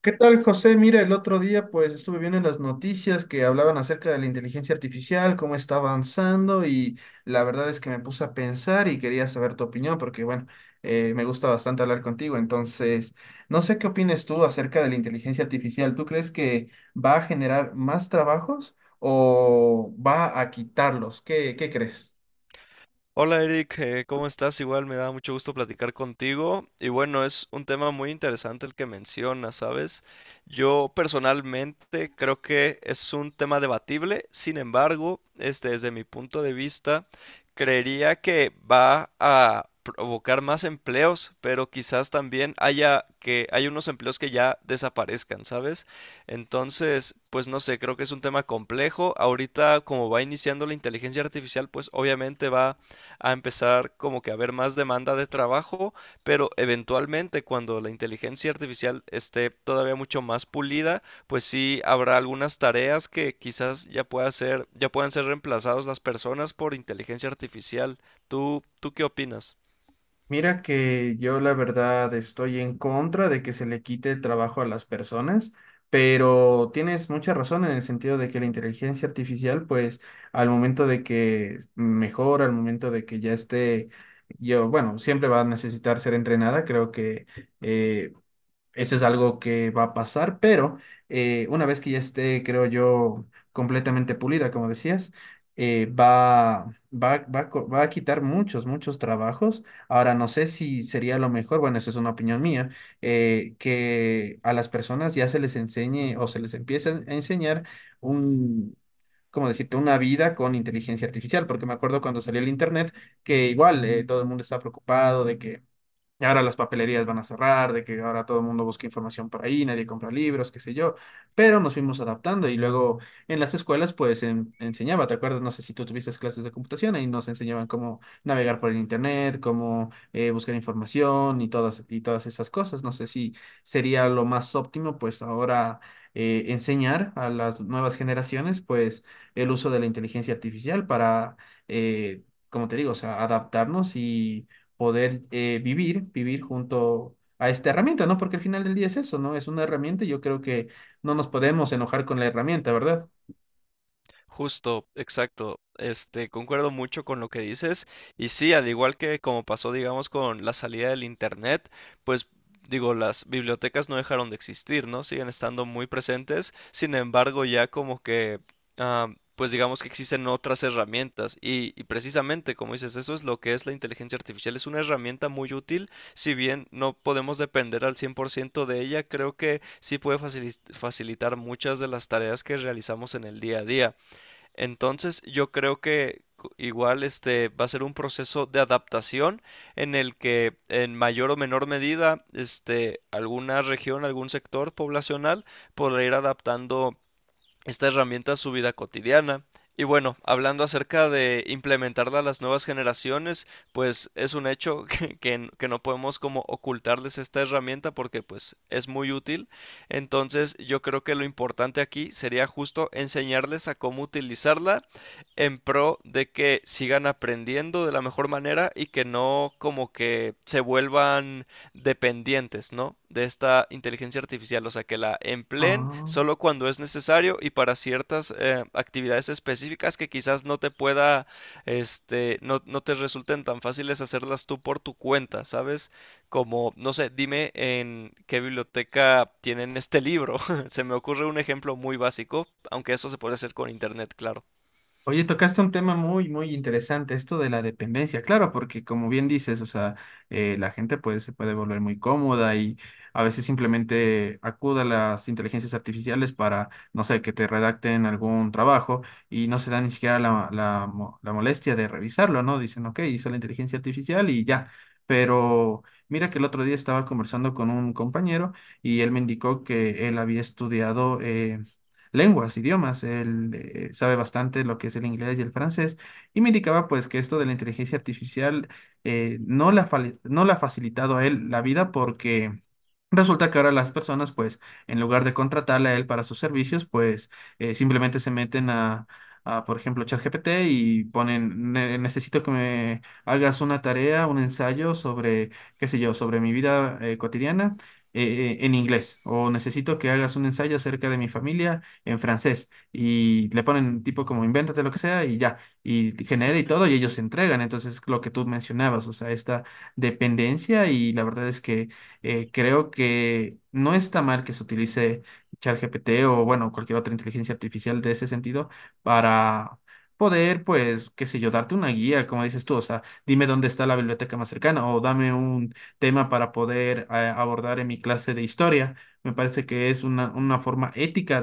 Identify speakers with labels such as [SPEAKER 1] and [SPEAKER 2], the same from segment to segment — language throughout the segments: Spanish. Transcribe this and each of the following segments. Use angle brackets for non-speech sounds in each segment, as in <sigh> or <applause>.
[SPEAKER 1] ¿Qué tal, José? Mira, el otro día pues estuve viendo en las noticias que hablaban acerca de la inteligencia artificial, cómo está avanzando y la verdad es que me puse a pensar y quería saber tu opinión porque bueno, me gusta bastante hablar contigo, entonces no sé qué opinas tú acerca de la inteligencia artificial. ¿Tú crees que va a generar más trabajos o va a quitarlos? ¿Qué crees?
[SPEAKER 2] Hola Eric, ¿cómo estás? Igual me da mucho gusto platicar contigo. Y bueno, es un tema muy interesante el que mencionas, ¿sabes? Yo personalmente creo que es un tema debatible, sin embargo, desde mi punto de vista, creería que va a provocar más empleos, pero quizás también haya que hay unos empleos que ya desaparezcan, ¿sabes? Entonces, pues no sé, creo que es un tema complejo. Ahorita, como va iniciando la inteligencia artificial, pues obviamente va a empezar como que a haber más demanda de trabajo, pero eventualmente cuando la inteligencia artificial esté todavía mucho más pulida, pues sí habrá algunas tareas que quizás ya puedan ser reemplazadas las personas por inteligencia artificial. ¿Tú qué opinas?
[SPEAKER 1] Mira que yo la verdad estoy en contra de que se le quite el trabajo a las personas, pero tienes mucha razón en el sentido de que la inteligencia artificial, pues al momento de que mejora, al momento de que ya esté, yo, bueno, siempre va a necesitar ser entrenada, creo que eh, eso es algo que va a pasar, pero una vez que ya esté, creo yo, completamente pulida, como decías, eh, va, va a quitar muchos trabajos. Ahora, no sé si sería lo mejor, bueno, eso es una opinión mía, que a las personas ya se les enseñe o se les empiece a enseñar un, como decirte, una vida con inteligencia artificial, porque me acuerdo cuando salió el internet que igual todo el mundo estaba preocupado de que y ahora las papelerías van a cerrar, de que ahora todo el mundo busca información por ahí, nadie compra libros, qué sé yo. Pero nos fuimos adaptando y luego en las escuelas pues enseñaba, ¿te acuerdas? No sé si tú tuviste clases de computación, ahí nos enseñaban cómo navegar por el internet, cómo buscar información y todas esas cosas. No sé si sería lo más óptimo pues ahora enseñar a las nuevas generaciones pues el uso de la inteligencia artificial para, como te digo, o sea, adaptarnos y poder vivir junto a esta herramienta, ¿no? Porque al final del día es eso, ¿no? Es una herramienta y yo creo que no nos podemos enojar con la herramienta, ¿verdad?
[SPEAKER 2] Justo, exacto. Concuerdo mucho con lo que dices. Y sí, al igual que como pasó, digamos, con la salida del internet, pues digo, las bibliotecas no dejaron de existir, ¿no? Siguen estando muy presentes. Sin embargo, ya como que, ah, pues digamos que existen otras herramientas. Y precisamente, como dices, eso es lo que es la inteligencia artificial. Es una herramienta muy útil. Si bien no podemos depender al 100% de ella, creo que sí puede facilitar muchas de las tareas que realizamos en el día a día. Entonces, yo creo que igual este va a ser un proceso de adaptación en el que en mayor o menor medida este alguna región, algún sector poblacional podrá ir adaptando esta herramienta a su vida cotidiana. Y bueno, hablando acerca de implementarla a las nuevas generaciones, pues es un hecho <laughs> que, que no podemos como ocultarles esta herramienta porque pues es muy útil. Entonces yo creo que lo importante aquí sería justo enseñarles a cómo utilizarla en pro de que sigan aprendiendo de la mejor manera y que no como que se vuelvan dependientes, ¿no? De esta inteligencia artificial, o sea, que la empleen
[SPEAKER 1] Ah.
[SPEAKER 2] solo cuando es necesario y para ciertas actividades específicas que quizás no te pueda, no te resulten tan fáciles hacerlas tú por tu cuenta, ¿sabes? Como, no sé, dime en qué biblioteca tienen este libro. <laughs> Se me ocurre un ejemplo muy básico, aunque eso se puede hacer con internet, claro.
[SPEAKER 1] Oye, tocaste un tema muy interesante, esto de la dependencia, claro, porque como bien dices, o sea, la gente pues se puede volver muy cómoda y a veces simplemente acude a las inteligencias artificiales para, no sé, que te redacten algún trabajo y no se da ni siquiera la molestia de revisarlo, ¿no? Dicen, ok, hizo la inteligencia artificial y ya, pero mira que el otro día estaba conversando con un compañero y él me indicó que él había estudiado lenguas, idiomas. Él sabe bastante lo que es el inglés y el francés y me indicaba pues que esto de la inteligencia artificial no no le ha facilitado a él la vida porque resulta que ahora las personas, pues, en lugar de contratarle a él para sus servicios, pues, simplemente se meten por ejemplo, ChatGPT y ponen, Necesito que me hagas una tarea, un ensayo sobre, qué sé yo, sobre mi vida cotidiana en inglés, o necesito que hagas un ensayo acerca de mi familia en francés, y le ponen tipo como invéntate lo que sea y ya, y genera y todo, y ellos se entregan. Entonces, lo que tú mencionabas, o sea, esta dependencia, y la verdad es que creo que no está mal que se utilice ChatGPT o, bueno, cualquier otra inteligencia artificial de ese sentido para poder, pues, qué sé yo, darte una guía, como dices tú, o sea, dime dónde está la biblioteca más cercana o dame un tema para poder abordar en mi clase de historia. Me parece que es una forma ética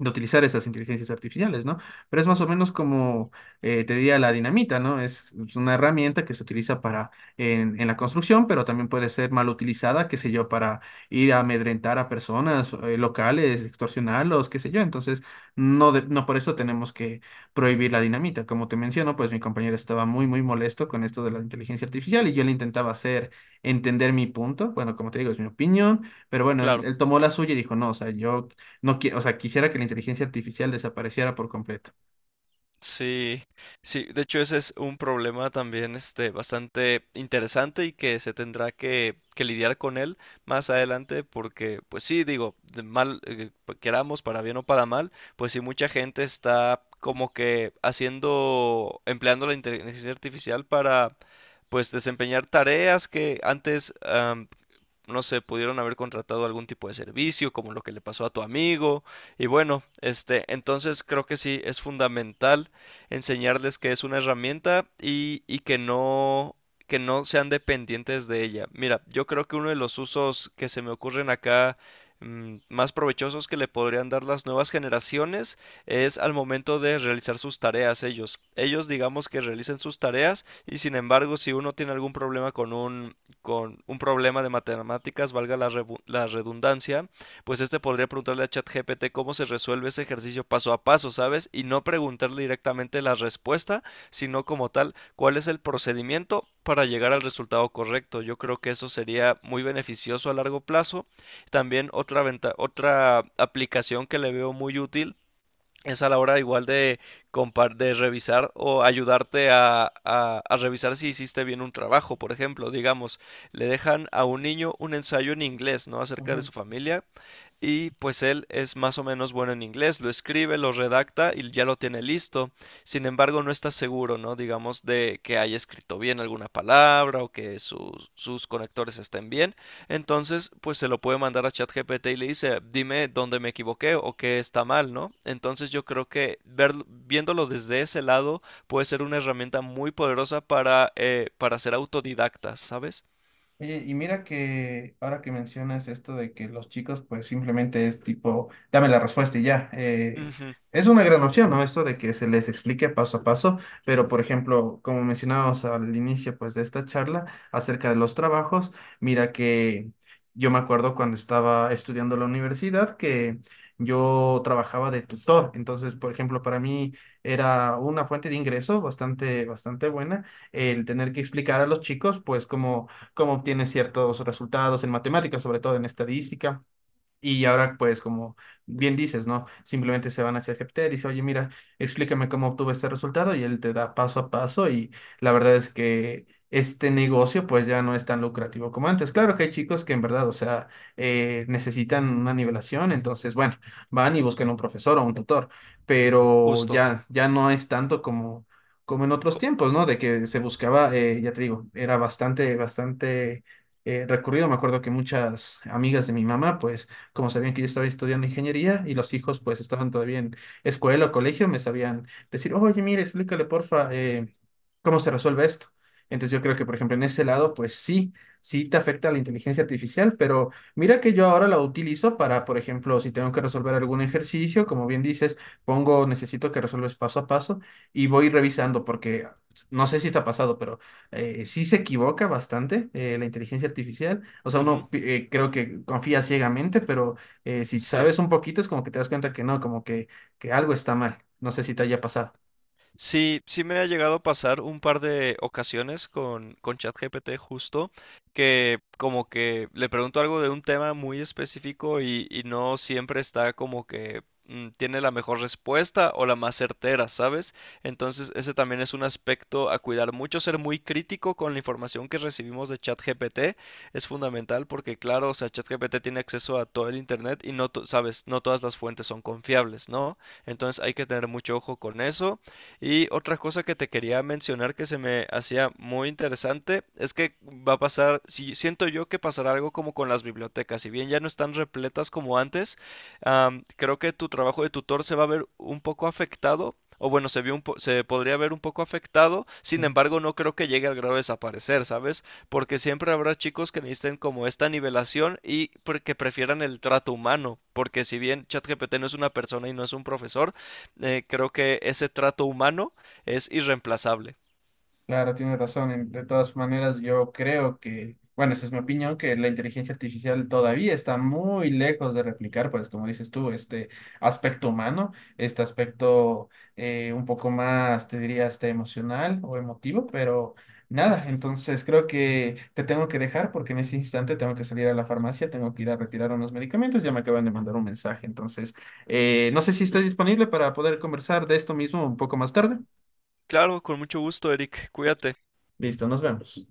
[SPEAKER 1] de utilizar esas inteligencias artificiales, ¿no? Pero es más o menos como te diría la dinamita, ¿no? Es una herramienta que se utiliza para en la construcción, pero también puede ser mal utilizada, qué sé yo, para ir a amedrentar a personas locales, extorsionarlos, qué sé yo. Entonces, no, no por eso tenemos que prohibir la dinamita. Como te menciono, pues mi compañero estaba muy molesto con esto de la inteligencia artificial y yo le intentaba hacer entender mi punto. Bueno, como te digo, es mi opinión, pero bueno, él,
[SPEAKER 2] Claro.
[SPEAKER 1] él tomó la suya y dijo, no, o sea, yo no, o sea, quisiera que la inteligencia artificial desapareciera por completo.
[SPEAKER 2] Sí, sí, de hecho ese es un problema también este bastante interesante y que se tendrá que lidiar con él más adelante porque pues sí, digo, queramos para bien o para mal, pues sí mucha gente está como que haciendo empleando la inteligencia artificial para pues desempeñar tareas que antes no sé, pudieron haber contratado algún tipo de servicio, como lo que le pasó a tu amigo. Y bueno, este, entonces creo que sí es fundamental enseñarles que es una herramienta y, que no sean dependientes de ella. Mira, yo creo que uno de los usos que se me ocurren acá más provechosos que le podrían dar las nuevas generaciones es al momento de realizar sus tareas ellos. Ellos digamos que realicen sus tareas y sin embargo si uno tiene algún problema con un problema de matemáticas, valga la, la redundancia, pues este podría preguntarle a ChatGPT cómo se resuelve ese ejercicio paso a paso, ¿sabes? Y no preguntarle directamente la respuesta, sino como tal, cuál es el procedimiento para llegar al resultado correcto. Yo creo que eso sería muy beneficioso a largo plazo. También otra aplicación que le veo muy útil es a la hora igual de, de revisar o ayudarte a, a revisar si hiciste bien un trabajo. Por ejemplo, digamos, le dejan a un niño un ensayo en inglés, ¿no? Acerca de
[SPEAKER 1] Ujú.
[SPEAKER 2] su familia y pues él es más o menos bueno en inglés, lo escribe, lo redacta y ya lo tiene listo. Sin embargo, no está seguro, ¿no? Digamos, de que haya escrito bien alguna palabra o que sus conectores estén bien. Entonces, pues se lo puede mandar a ChatGPT y le dice, dime dónde me equivoqué o qué está mal, ¿no? Entonces yo creo que viéndolo desde ese lado puede ser una herramienta muy poderosa para ser autodidactas, ¿sabes?
[SPEAKER 1] Oye, y mira que ahora que mencionas esto de que los chicos pues simplemente es tipo, dame la respuesta y ya.
[SPEAKER 2] Ujú,
[SPEAKER 1] Es una gran opción, ¿no? Esto de que se les explique paso a paso, pero por ejemplo, como mencionábamos al inicio pues de esta charla acerca de los trabajos, mira que yo me acuerdo cuando estaba estudiando en la universidad que yo trabajaba de tutor, entonces por ejemplo para mí era una fuente de ingreso bastante buena el tener que explicar a los chicos pues como cómo obtiene ciertos resultados en matemáticas, sobre todo en estadística. Y ahora, pues, como bien dices, ¿no? Simplemente se van hacia GPT, dice, oye, mira, explícame cómo obtuve este resultado y él te da paso a paso y la verdad es que este negocio, pues, ya no es tan lucrativo como antes. Claro que hay chicos que en verdad, o sea, necesitan una nivelación, entonces, bueno, van y buscan un profesor o un tutor, pero
[SPEAKER 2] justo.
[SPEAKER 1] ya no es tanto como, como en otros
[SPEAKER 2] Co-
[SPEAKER 1] tiempos, ¿no? De que se buscaba, ya te digo, era bastante... recurrido, me acuerdo que muchas amigas de mi mamá, pues como sabían que yo estaba estudiando ingeniería y los hijos pues estaban todavía en escuela o colegio, me sabían decir, oye, mire, explícale porfa, cómo se resuelve esto. Entonces yo creo que, por ejemplo, en ese lado, pues sí te afecta la inteligencia artificial, pero mira que yo ahora la utilizo para, por ejemplo, si tengo que resolver algún ejercicio, como bien dices, pongo, necesito que resuelves paso a paso y voy revisando porque no sé si te ha pasado, pero sí se equivoca bastante la inteligencia artificial. O sea,
[SPEAKER 2] ujú,
[SPEAKER 1] creo que confía ciegamente, pero si
[SPEAKER 2] sí.
[SPEAKER 1] sabes un poquito es como que te das cuenta que no, como que algo está mal. No sé si te haya pasado.
[SPEAKER 2] Sí, sí me ha llegado a pasar un par de ocasiones con ChatGPT justo, que como que le pregunto algo de un tema muy específico y no siempre está como que tiene la mejor respuesta o la más certera, ¿sabes? Entonces ese también es un aspecto a cuidar mucho, ser muy crítico con la información que recibimos de ChatGPT es fundamental porque claro, o sea, ChatGPT tiene acceso a todo el internet y no, sabes, no todas las fuentes son confiables, ¿no? Entonces hay que tener mucho ojo con eso. Y otra cosa que te quería mencionar que se me hacía muy interesante es que va a pasar, si siento yo que pasará algo como con las bibliotecas, si bien ya no están repletas como antes, creo que tu trabajo de tutor se va a ver un poco afectado, o bueno, se podría ver un poco afectado, sin embargo, no creo que llegue al grado de desaparecer, ¿sabes? Porque siempre habrá chicos que necesiten como esta nivelación y porque prefieran el trato humano, porque si bien ChatGPT no es una persona y no es un profesor, creo que ese trato humano es irreemplazable.
[SPEAKER 1] Claro, tienes razón. De todas maneras, yo creo que, bueno, esa es mi opinión, que la inteligencia artificial todavía está muy lejos de replicar, pues como dices tú, este aspecto humano, este aspecto un poco más, te diría, hasta emocional o emotivo, pero nada,
[SPEAKER 2] Ujú.
[SPEAKER 1] entonces creo que te tengo que dejar porque en ese instante tengo que salir a la farmacia, tengo que ir a retirar unos medicamentos, ya me acaban de mandar un mensaje, entonces no sé si estás disponible para poder conversar de esto mismo un poco más tarde.
[SPEAKER 2] Claro, con mucho gusto, Eric. Cuídate.
[SPEAKER 1] Listo, nos vemos.